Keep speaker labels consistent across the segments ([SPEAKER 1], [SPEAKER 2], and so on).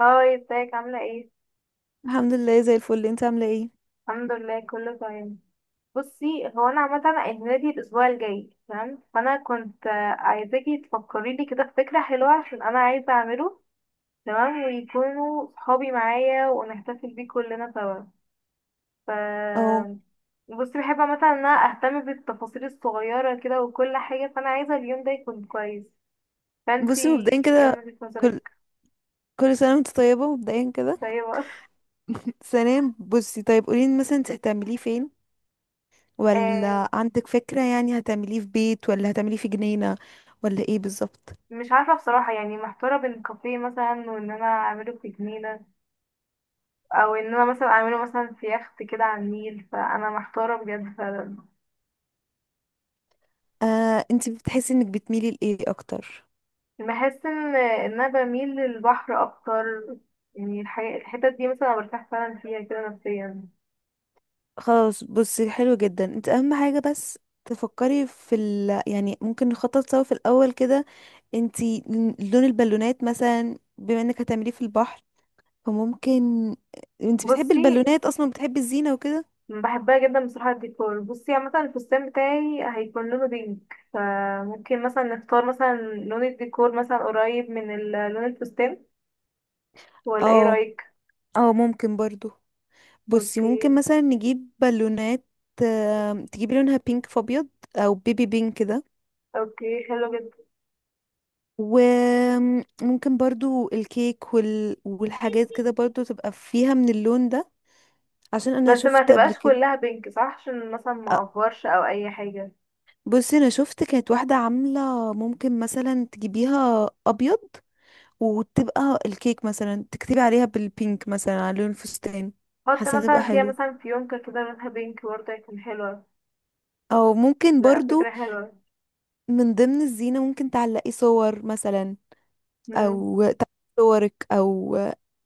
[SPEAKER 1] هاي، ازيك؟ عاملة ايه؟
[SPEAKER 2] الحمد لله زي الفل. انت عامله ايه؟
[SPEAKER 1] الحمد لله كله تمام. بصي، هو انا عامة عيد ميلادي الاسبوع الجاي، تمام؟ فانا كنت عايزاكي تفكري لي كده في فكرة حلوة عشان انا عايزة اعمله تمام، ويكونوا صحابي معايا ونحتفل بيه كلنا سوا. ف
[SPEAKER 2] اهو.
[SPEAKER 1] بصي، بحب عامة ان انا اهتم بالتفاصيل الصغيرة كده وكل حاجة، فانا عايزة اليوم ده يكون كويس. فانتي
[SPEAKER 2] بصي مبدئيا
[SPEAKER 1] ايه من
[SPEAKER 2] كده،
[SPEAKER 1] وجهة
[SPEAKER 2] كل
[SPEAKER 1] نظرك؟
[SPEAKER 2] كل سنه وانت طيبه. مبدئيا كده
[SPEAKER 1] طيب.
[SPEAKER 2] ثانيا بصي، طيب قولي لي مثلا انت هتعمليه فين؟
[SPEAKER 1] آه،
[SPEAKER 2] ولا عندك فكره؟ يعني هتعمليه في بيت ولا هتعمليه في جنينه ولا ايه بالظبط؟
[SPEAKER 1] مش عارفة بصراحة، يعني محتارة بين كافيه مثلا وان انا اعمله في جنينة، او ان انا مثلا اعمله مثلا في يخت كده على النيل، فانا محتاره بجد فعلا.
[SPEAKER 2] آه، انت بتحسي انك بتميلي لايه اكتر؟
[SPEAKER 1] بحس ان انا بميل للبحر اكتر، يعني الحتت دي مثلا أنا برتاح فعلا فيها كده نفسيا.
[SPEAKER 2] خلاص بصي، حلو جدا. انت اهم حاجه بس تفكري في ال يعني، ممكن نخطط سوا في الاول كده. انتي لون البالونات مثلا، بما انك هتعمليه في البحر فممكن، انت بتحبي
[SPEAKER 1] بصي،
[SPEAKER 2] البالونات اصلا؟ بتحبي الزينة وكده؟
[SPEAKER 1] بحبها جدا بصراحه الديكور. بصي عامه الفستان بتاعي هيكون لونه بينك، فممكن مثلا نختار مثلا لون الديكور مثلا قريب من لون الفستان، ولا ايه
[SPEAKER 2] اه،
[SPEAKER 1] رايك؟
[SPEAKER 2] اه ممكن برضو. بصي ممكن
[SPEAKER 1] اوكي.
[SPEAKER 2] مثلا نجيب بالونات، تجيبي لونها بينك في ابيض او بيبي بينك كده.
[SPEAKER 1] اوكي حلو جدا.
[SPEAKER 2] وممكن برضو الكيك وال... والحاجات كده برضو تبقى فيها من اللون ده. عشان انا
[SPEAKER 1] بس ما
[SPEAKER 2] شفت قبل
[SPEAKER 1] تبقاش
[SPEAKER 2] كده،
[SPEAKER 1] كلها بينك صح، عشان مثلا
[SPEAKER 2] آه،
[SPEAKER 1] ما اقفرش او اي حاجه.
[SPEAKER 2] بصي انا شفت كانت واحدة عاملة، ممكن مثلا تجيبيها ابيض وتبقى الكيك مثلا تكتبي عليها بالبينك مثلا على لون الفستان.
[SPEAKER 1] حط
[SPEAKER 2] حاسة تبقى
[SPEAKER 1] مثلا فيها
[SPEAKER 2] حلو.
[SPEAKER 1] مثلا فيونكة كده لونها بينك برضه، هيكون حلوة.
[SPEAKER 2] او ممكن
[SPEAKER 1] لا فكرة
[SPEAKER 2] برضو
[SPEAKER 1] حلوة.
[SPEAKER 2] من ضمن الزينة ممكن تعلقي صور مثلا،
[SPEAKER 1] مم.
[SPEAKER 2] او تعلقي صورك، او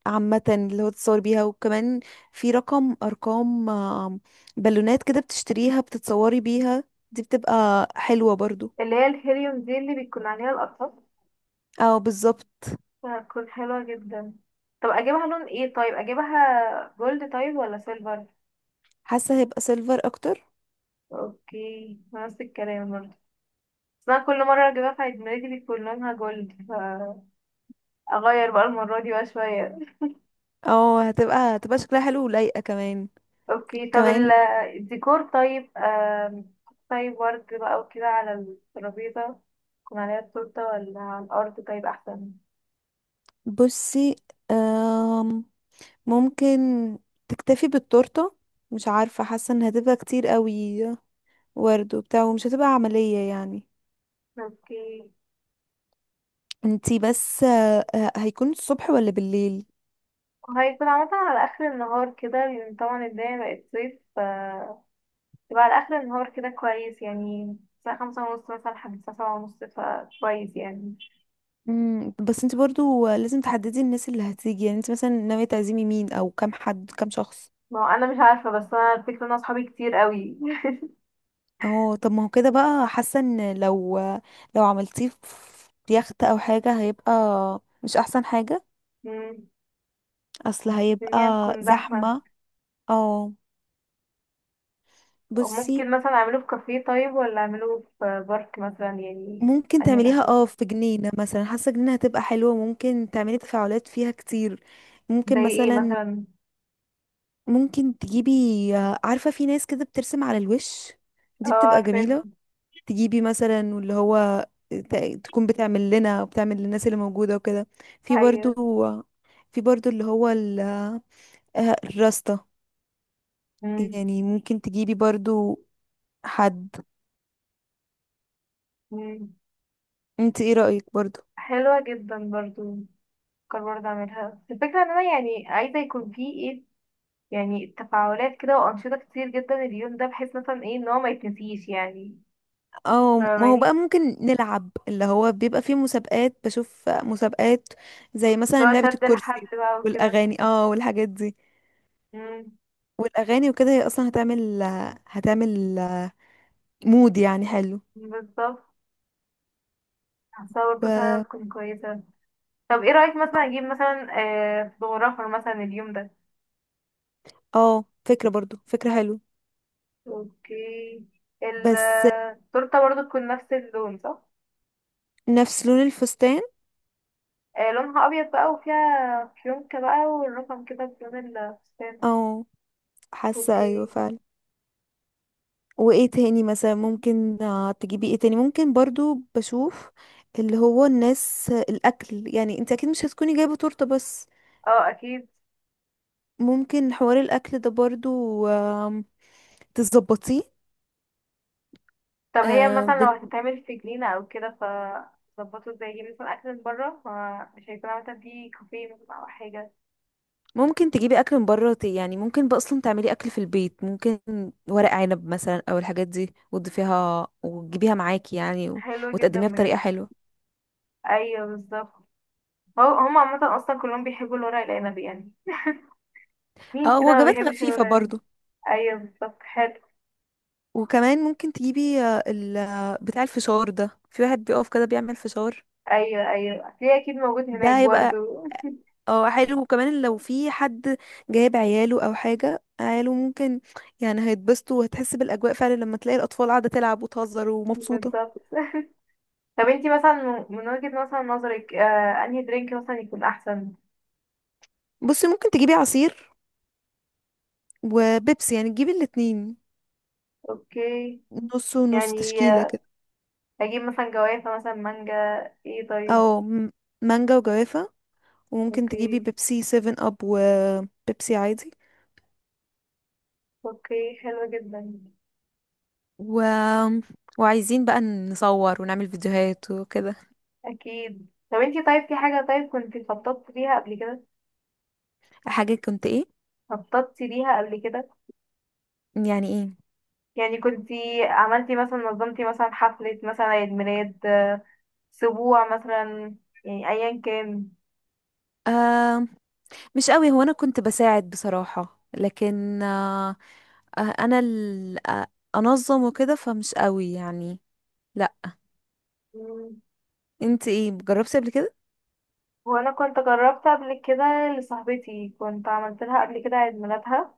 [SPEAKER 2] عامة اللي هو تتصور بيها. وكمان في رقم، ارقام، بالونات كده بتشتريها بتتصوري بيها، دي بتبقى حلوة برضو.
[SPEAKER 1] اللي هي الهيليوم دي اللي بيكون عليها الأطراف،
[SPEAKER 2] او بالظبط.
[SPEAKER 1] هتكون حلوة جدا. طب أجيبها لون ايه؟ طيب أجيبها جولد طيب ولا سيلفر؟
[SPEAKER 2] حاسة هيبقى سيلفر اكتر.
[SPEAKER 1] اوكي نفس الكلام برضه، بس أنا كل مرة أجيبها في عيد ميلادي بيكون لونها جولد، فأغير بقى المرة دي بقى شوية.
[SPEAKER 2] او هتبقى شكلها حلو ولايقة كمان.
[SPEAKER 1] اوكي طب
[SPEAKER 2] كمان
[SPEAKER 1] الديكور طيب. طيب ورد بقى وكده على الترابيزة، يكون عليها التورتة ولا على الأرض طيب أحسن؟
[SPEAKER 2] بصي، آم، ممكن تكتفي بالتورتة. مش عارفة، حاسة ان هتبقى كتير قوي ورد وبتاع، ومش هتبقى عملية يعني.
[SPEAKER 1] اوكي.
[SPEAKER 2] انتي بس هيكون الصبح ولا بالليل؟
[SPEAKER 1] وهيكون عامة على آخر النهار كده، لأن طبعا الدنيا بقت صيف، ف يبقى على آخر النهار كده كويس، يعني الساعة 5:30 مثلا لحد الساعة 7:30، فكويس يعني.
[SPEAKER 2] مم، بس انتي برضو آه، لازم تحددي الناس اللي هتيجي. يعني انتي مثلا ناوية تعزمي مين؟ او كام حد؟ كام شخص؟
[SPEAKER 1] ما هو أنا مش عارفة، بس أنا الفكرة إن أنا أصحابي كتير قوي.
[SPEAKER 2] اهو. طب ما هو كده بقى، حاسة ان لو، لو عملتيه في يخت او حاجة هيبقى مش احسن حاجة.
[SPEAKER 1] مم،
[SPEAKER 2] اصل
[SPEAKER 1] الدنيا
[SPEAKER 2] هيبقى
[SPEAKER 1] هتكون زحمة.
[SPEAKER 2] زحمة. اه، بصي
[SPEAKER 1] ممكن مثلا أعمله في كافيه طيب، ولا أعمله في بارك مثلا يعني؟
[SPEAKER 2] ممكن
[SPEAKER 1] أنهي
[SPEAKER 2] تعمليها
[SPEAKER 1] الأحسن؟
[SPEAKER 2] اه في جنينة مثلا. حاسة جنينة هتبقى حلوة، ممكن تعملي تفاعلات فيها كتير. ممكن
[SPEAKER 1] زي إيه
[SPEAKER 2] مثلا،
[SPEAKER 1] مثلا؟
[SPEAKER 2] ممكن تجيبي، عارفة في ناس كده بترسم على الوش؟
[SPEAKER 1] اه
[SPEAKER 2] دي بتبقى
[SPEAKER 1] عارفة.
[SPEAKER 2] جميلة. تجيبي مثلا واللي هو تكون بتعمل لنا وبتعمل للناس اللي موجودة وكده. في برضو،
[SPEAKER 1] أيوة.
[SPEAKER 2] في برضو اللي هو الراستا،
[SPEAKER 1] مم.
[SPEAKER 2] يعني ممكن تجيبي برضو حد.
[SPEAKER 1] مم.
[SPEAKER 2] انت ايه رأيك برضو؟
[SPEAKER 1] حلوة جدا برضو. بفكر برضه اعملها. الفكرة ان انا يعني عايزة يكون في ايه، يعني تفاعلات كده وانشطة كتير جدا اليوم ده، بحيث مثلا ايه ان هو ما يتنسيش يعني.
[SPEAKER 2] او ما هو بقى
[SPEAKER 1] فاهماني؟
[SPEAKER 2] ممكن نلعب، اللي هو بيبقى فيه مسابقات، بشوف مسابقات زي مثلا
[SPEAKER 1] لو
[SPEAKER 2] لعبة
[SPEAKER 1] شد
[SPEAKER 2] الكرسي
[SPEAKER 1] الحبل بقى وكده.
[SPEAKER 2] والأغاني، اه والحاجات دي.
[SPEAKER 1] امم.
[SPEAKER 2] والاغاني وكده هي اصلا هتعمل مود يعني حلو.
[SPEAKER 1] بالظبط. حاسة برضه
[SPEAKER 2] و
[SPEAKER 1] فعلا تكون كويسة. طب ايه رأيك مثلا اجيب مثلا آه فوتوغرافر مثلا اليوم ده؟
[SPEAKER 2] اه فكرة برضو، فكرة حلو.
[SPEAKER 1] اوكي.
[SPEAKER 2] بس
[SPEAKER 1] التورتة برضه تكون نفس اللون صح؟
[SPEAKER 2] نفس لون الفستان.
[SPEAKER 1] آه لونها ابيض بقى، وفيها فيونكة بقى، والرقم كده بلون الفستان.
[SPEAKER 2] اه حاسة ايوه
[SPEAKER 1] اوكي.
[SPEAKER 2] فعلا. وايه تاني مثلا ممكن، آه، تجيبي ايه تاني؟ ممكن برضو بشوف، اللي هو الناس الاكل يعني، انت اكيد مش هتكوني جايبة تورتة بس.
[SPEAKER 1] اه اكيد.
[SPEAKER 2] ممكن حوار الاكل ده برضو تظبطيه.
[SPEAKER 1] طب هي مثلا لو هتتعمل في جنينة او كده، ف ظبطوا ازاي يجيب مثلا اكل من بره، فمش هيكون مثلا في كافيه مثلا او حاجة.
[SPEAKER 2] ممكن تجيبي اكل من بره، يعني ممكن بقى اصلا تعملي اكل في البيت، ممكن ورق عنب مثلا او الحاجات دي، وتضيفيها وتجيبيها معاكي يعني و...
[SPEAKER 1] حلوة جدا
[SPEAKER 2] وتقدميها
[SPEAKER 1] بجد.
[SPEAKER 2] بطريقه حلوه.
[SPEAKER 1] ايوه بالظبط. هو هم عامة اصلا كلهم بيحبوا الورق العنب يعني، مين
[SPEAKER 2] اه
[SPEAKER 1] كده ما
[SPEAKER 2] وجبات
[SPEAKER 1] بيحبش
[SPEAKER 2] خفيفه
[SPEAKER 1] الورق العنب؟
[SPEAKER 2] برضو.
[SPEAKER 1] ايوه بالظبط، حلو.
[SPEAKER 2] وكمان ممكن تجيبي آه، ال... آه، بتاع الفشار ده، في واحد بيقف كده بيعمل فشار.
[SPEAKER 1] ايوه ايوه هتلاقيه اكيد موجود هناك
[SPEAKER 2] ده هيبقى
[SPEAKER 1] برضو.
[SPEAKER 2] اه حلو. وكمان لو في حد جايب عياله او حاجه، عياله ممكن يعني هيتبسطوا، وهتحس بالاجواء فعلا لما تلاقي الاطفال قاعده تلعب وتهزر ومبسوطه.
[SPEAKER 1] بالظبط. طب انتي مثلا من وجهة مثلا نظرك آه انهي درينك مثلا يكون احسن؟
[SPEAKER 2] بصي ممكن تجيبي عصير وبيبسي، يعني تجيبي الاتنين
[SPEAKER 1] اوكي.
[SPEAKER 2] نص ونص،
[SPEAKER 1] يعني
[SPEAKER 2] تشكيلة كده.
[SPEAKER 1] اجيب مثلا جوافة مثلا مانجا، ايه طيب؟
[SPEAKER 2] او مانجا وجوافة. وممكن تجيبي
[SPEAKER 1] اوكي.
[SPEAKER 2] بيبسي 7 اب وبيبسي عادي.
[SPEAKER 1] اوكي حلو جدا.
[SPEAKER 2] و... وعايزين بقى نصور ونعمل فيديوهات وكده.
[SPEAKER 1] اكيد. طب انتي طيب في حاجة طيب كنتي خططتي ليها قبل كده؟
[SPEAKER 2] حاجة كنت ايه؟
[SPEAKER 1] خططتي ليها قبل كده؟
[SPEAKER 2] يعني ايه؟
[SPEAKER 1] يعني كنتي عملتي مثلا، نظمتي مثلا حفلة مثلا عيد ميلاد، اسبوع مثلا، يعني ايا كان.
[SPEAKER 2] آه مش قوي. هو انا كنت بساعد بصراحة، لكن آه، آه، انا ال... آه، انظم وكده، فمش قوي يعني. لا.
[SPEAKER 1] مم.
[SPEAKER 2] انت ايه جربتي قبل كده؟
[SPEAKER 1] وانا كنت جربت قبل كده، لصاحبتي كنت عملت لها قبل كده عيد ميلادها.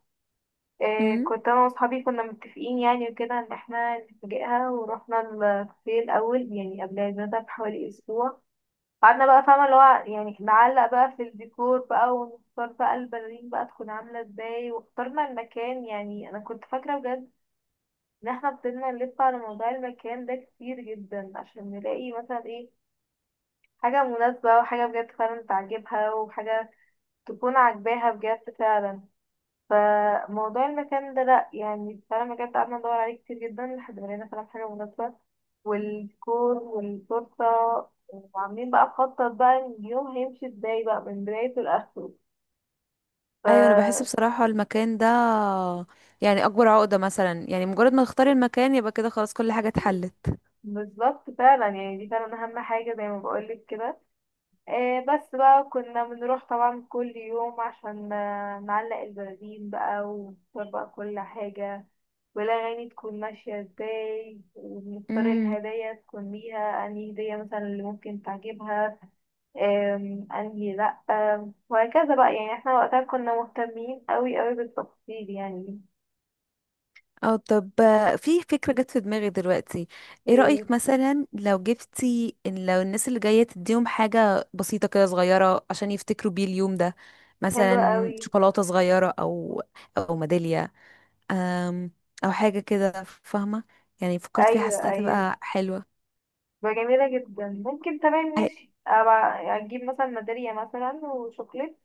[SPEAKER 1] كنت انا واصحابي كنا متفقين يعني وكده ان احنا نفاجئها، ورحنا الكافيه الاول يعني قبل عيد ميلادها بحوالي اسبوع. قعدنا بقى فاهمة اللي هو يعني نعلق بقى في الديكور بقى، ونختار بقى البلالين بقى تكون عاملة ازاي، واخترنا المكان. يعني انا كنت فاكرة بجد ان احنا فضلنا نلف على موضوع المكان ده كتير جدا عشان نلاقي مثلا ايه حاجة مناسبة وحاجة بجد فعلا تعجبها، وحاجة تكون عاجباها بجد فعلا. فموضوع المكان ده لأ يعني، فعلا بجد قعدنا ندور عليه كتير جدا لحد ما لقينا فعلا حاجة مناسبة. والديكور والتورتة، وعاملين بقى مخطط بقى اليوم هيمشي ازاي بقى من بدايته لآخره.
[SPEAKER 2] ايوه. انا بحس
[SPEAKER 1] ف
[SPEAKER 2] بصراحه المكان ده يعني اكبر عقده مثلا. يعني مجرد ما تختاري المكان يبقى كده خلاص، كل حاجه اتحلت.
[SPEAKER 1] بالظبط فعلا، يعني دي فعلا أهم حاجة زي ما بقولك كده. آه بس بقى كنا بنروح طبعا كل يوم عشان نعلق البرازيل بقى ونختار بقى كل حاجة، والأغاني تكون ماشية ازاي، ونختار
[SPEAKER 2] امم.
[SPEAKER 1] الهدايا تكون ليها أنهي هدية مثلا اللي ممكن تعجبها. أنهي لأ. وهكذا بقى، يعني احنا وقتها كنا مهتمين أوي أوي بالتفاصيل يعني.
[SPEAKER 2] او طب آه، في فكره جت في دماغي دلوقتي. ايه
[SPEAKER 1] إيه؟
[SPEAKER 2] رايك مثلا لو جبتي، إن لو الناس اللي جايه تديهم حاجه بسيطه كده صغيره عشان يفتكروا بيه اليوم ده؟
[SPEAKER 1] حلوة
[SPEAKER 2] مثلا
[SPEAKER 1] أوي.
[SPEAKER 2] شوكولاته صغيره، او او ميداليه، أم، او حاجه كده، فاهمه؟ يعني فكرت فيها
[SPEAKER 1] أيوة
[SPEAKER 2] حسيتها
[SPEAKER 1] أيوة.
[SPEAKER 2] هتبقى حلوه.
[SPEAKER 1] بقى جميلة جدا، ممكن تمام
[SPEAKER 2] هي-
[SPEAKER 1] ماشي أبقى أجيب مثلا ميدالية مثلا وشوكليت.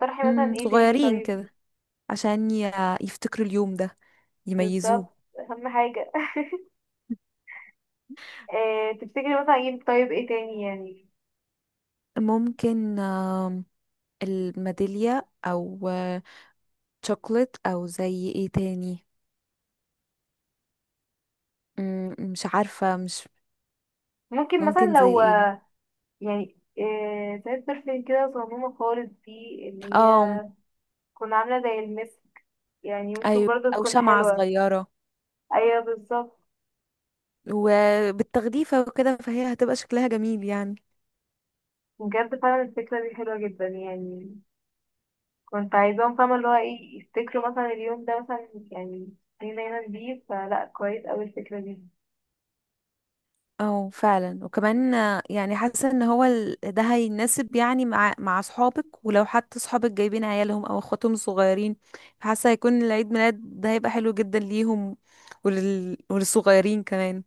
[SPEAKER 1] طرحي مثلا
[SPEAKER 2] أم،
[SPEAKER 1] ايه تاني
[SPEAKER 2] صغيرين
[SPEAKER 1] طيب؟
[SPEAKER 2] كده عشان يفتكروا اليوم ده،
[SPEAKER 1] بالظبط
[SPEAKER 2] يميزوه.
[SPEAKER 1] أهم حاجة. إيه تفتكري مثلا أجيب طيب، ايه تاني يعني؟
[SPEAKER 2] ممكن الميدالية أو آه، شوكولات، أو زي ايه تاني؟ مم، مش عارفة، مش
[SPEAKER 1] ممكن
[SPEAKER 2] ممكن
[SPEAKER 1] مثلا
[SPEAKER 2] زي
[SPEAKER 1] لو،
[SPEAKER 2] ايه؟
[SPEAKER 1] يعني ساعات برفان كده صغنونة خالص دي، اللي
[SPEAKER 2] اه
[SPEAKER 1] هي تكون عاملة زي المس، يعني ممكن
[SPEAKER 2] أيوة.
[SPEAKER 1] برضه
[SPEAKER 2] أو
[SPEAKER 1] تكون
[SPEAKER 2] شمعة
[SPEAKER 1] حلوة.
[SPEAKER 2] صغيرة
[SPEAKER 1] أيوة بالظبط.
[SPEAKER 2] وبالتغليفة وكده، فهي هتبقى شكلها جميل يعني.
[SPEAKER 1] بجد فعلا الفكرة دي حلوة جدا يعني، كنت عايزاهم فاهمة اللي هو ايه يفتكروا مثلا اليوم ده مثلا يعني، دي دايما بيه فلا كويس أوي الفكرة دي.
[SPEAKER 2] اه فعلا. وكمان آه، يعني حاسه ان هو ده هيناسب يعني مع اصحابك. ولو حتى اصحابك جايبين عيالهم او اخواتهم الصغيرين، حاسه هيكون العيد ميلاد ده هيبقى حلو جدا ليهم، ولل... وللصغيرين كمان.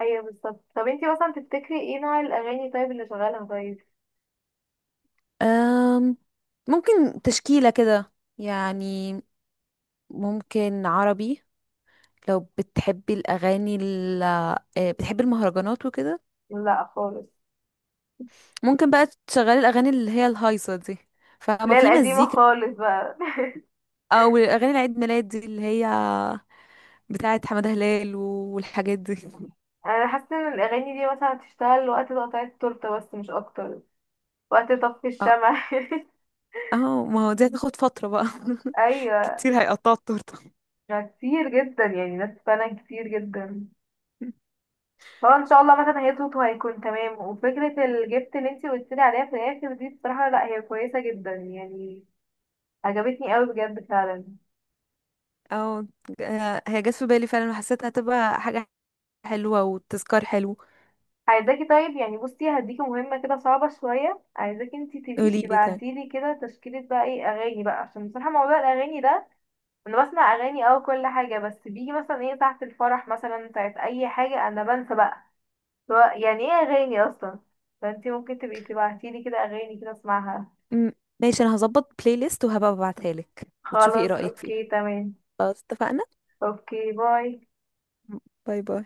[SPEAKER 1] أيوة بالظبط. طب انتي مثلا تفتكري ايه نوع الأغاني طيب اللي شغالها طيب؟
[SPEAKER 2] أم... ممكن تشكيله كده يعني. ممكن عربي. لو بتحبي الاغاني ال... آه، بتحبي المهرجانات وكده،
[SPEAKER 1] لا خالص.
[SPEAKER 2] ممكن بقى تشغلي الاغاني اللي هي الهايصه دي، فما
[SPEAKER 1] لا
[SPEAKER 2] في
[SPEAKER 1] القديمة
[SPEAKER 2] مزيكا.
[SPEAKER 1] خالص بقى.
[SPEAKER 2] او اغاني العيد ميلاد دي اللي هي بتاعه حمادة هلال والحاجات دي.
[SPEAKER 1] انا حاسة ان الأغاني دي مثلا هتشتغل وقت تقطيع التورتة بس مش أكتر، وقت طفي
[SPEAKER 2] اه.
[SPEAKER 1] الشمع.
[SPEAKER 2] اه ما هو دي هتاخد فترة بقى.
[SPEAKER 1] ايوه.
[SPEAKER 2] كتير هيقطعوا التورتة.
[SPEAKER 1] ما كتير جدا يعني، ناس فعلا كتير جدا. هو ان شاء الله مثلا هيظبط وهيكون تمام. وفكره الجبت اللي انتي قلت لي عليها في الاخر دي بصراحه لا هي كويسه جدا يعني، عجبتني قوي بجد فعلا.
[SPEAKER 2] اه آه، هي جت في بالي فعلا وحسيتها هتبقى حاجة حلوة وتذكار حلو.
[SPEAKER 1] عايزاكي طيب يعني، بصي هديكي مهمه كده صعبه شويه، عايزاكي انتي تبقي
[SPEAKER 2] قولي لي طيب.
[SPEAKER 1] تبعتيلي كده تشكيله بقى ايه اغاني بقى، عشان بصراحه موضوع الاغاني ده انا بسمع اغاني او كل حاجه، بس بيجي مثلا ايه ساعه الفرح مثلا، ساعه اي حاجه انا بنسى بقى هو يعني ايه اغاني اصلا. فانتي ممكن تبقي تبعتيلي كده اغاني كده اسمعها.
[SPEAKER 2] م- ماشي، انا هظبط بلاي ليست وهبقى ببعتها لك وتشوفي ايه
[SPEAKER 1] خلاص
[SPEAKER 2] رأيك فيها.
[SPEAKER 1] اوكي تمام.
[SPEAKER 2] خلاص اتفقنا.
[SPEAKER 1] اوكي باي.
[SPEAKER 2] باي باي.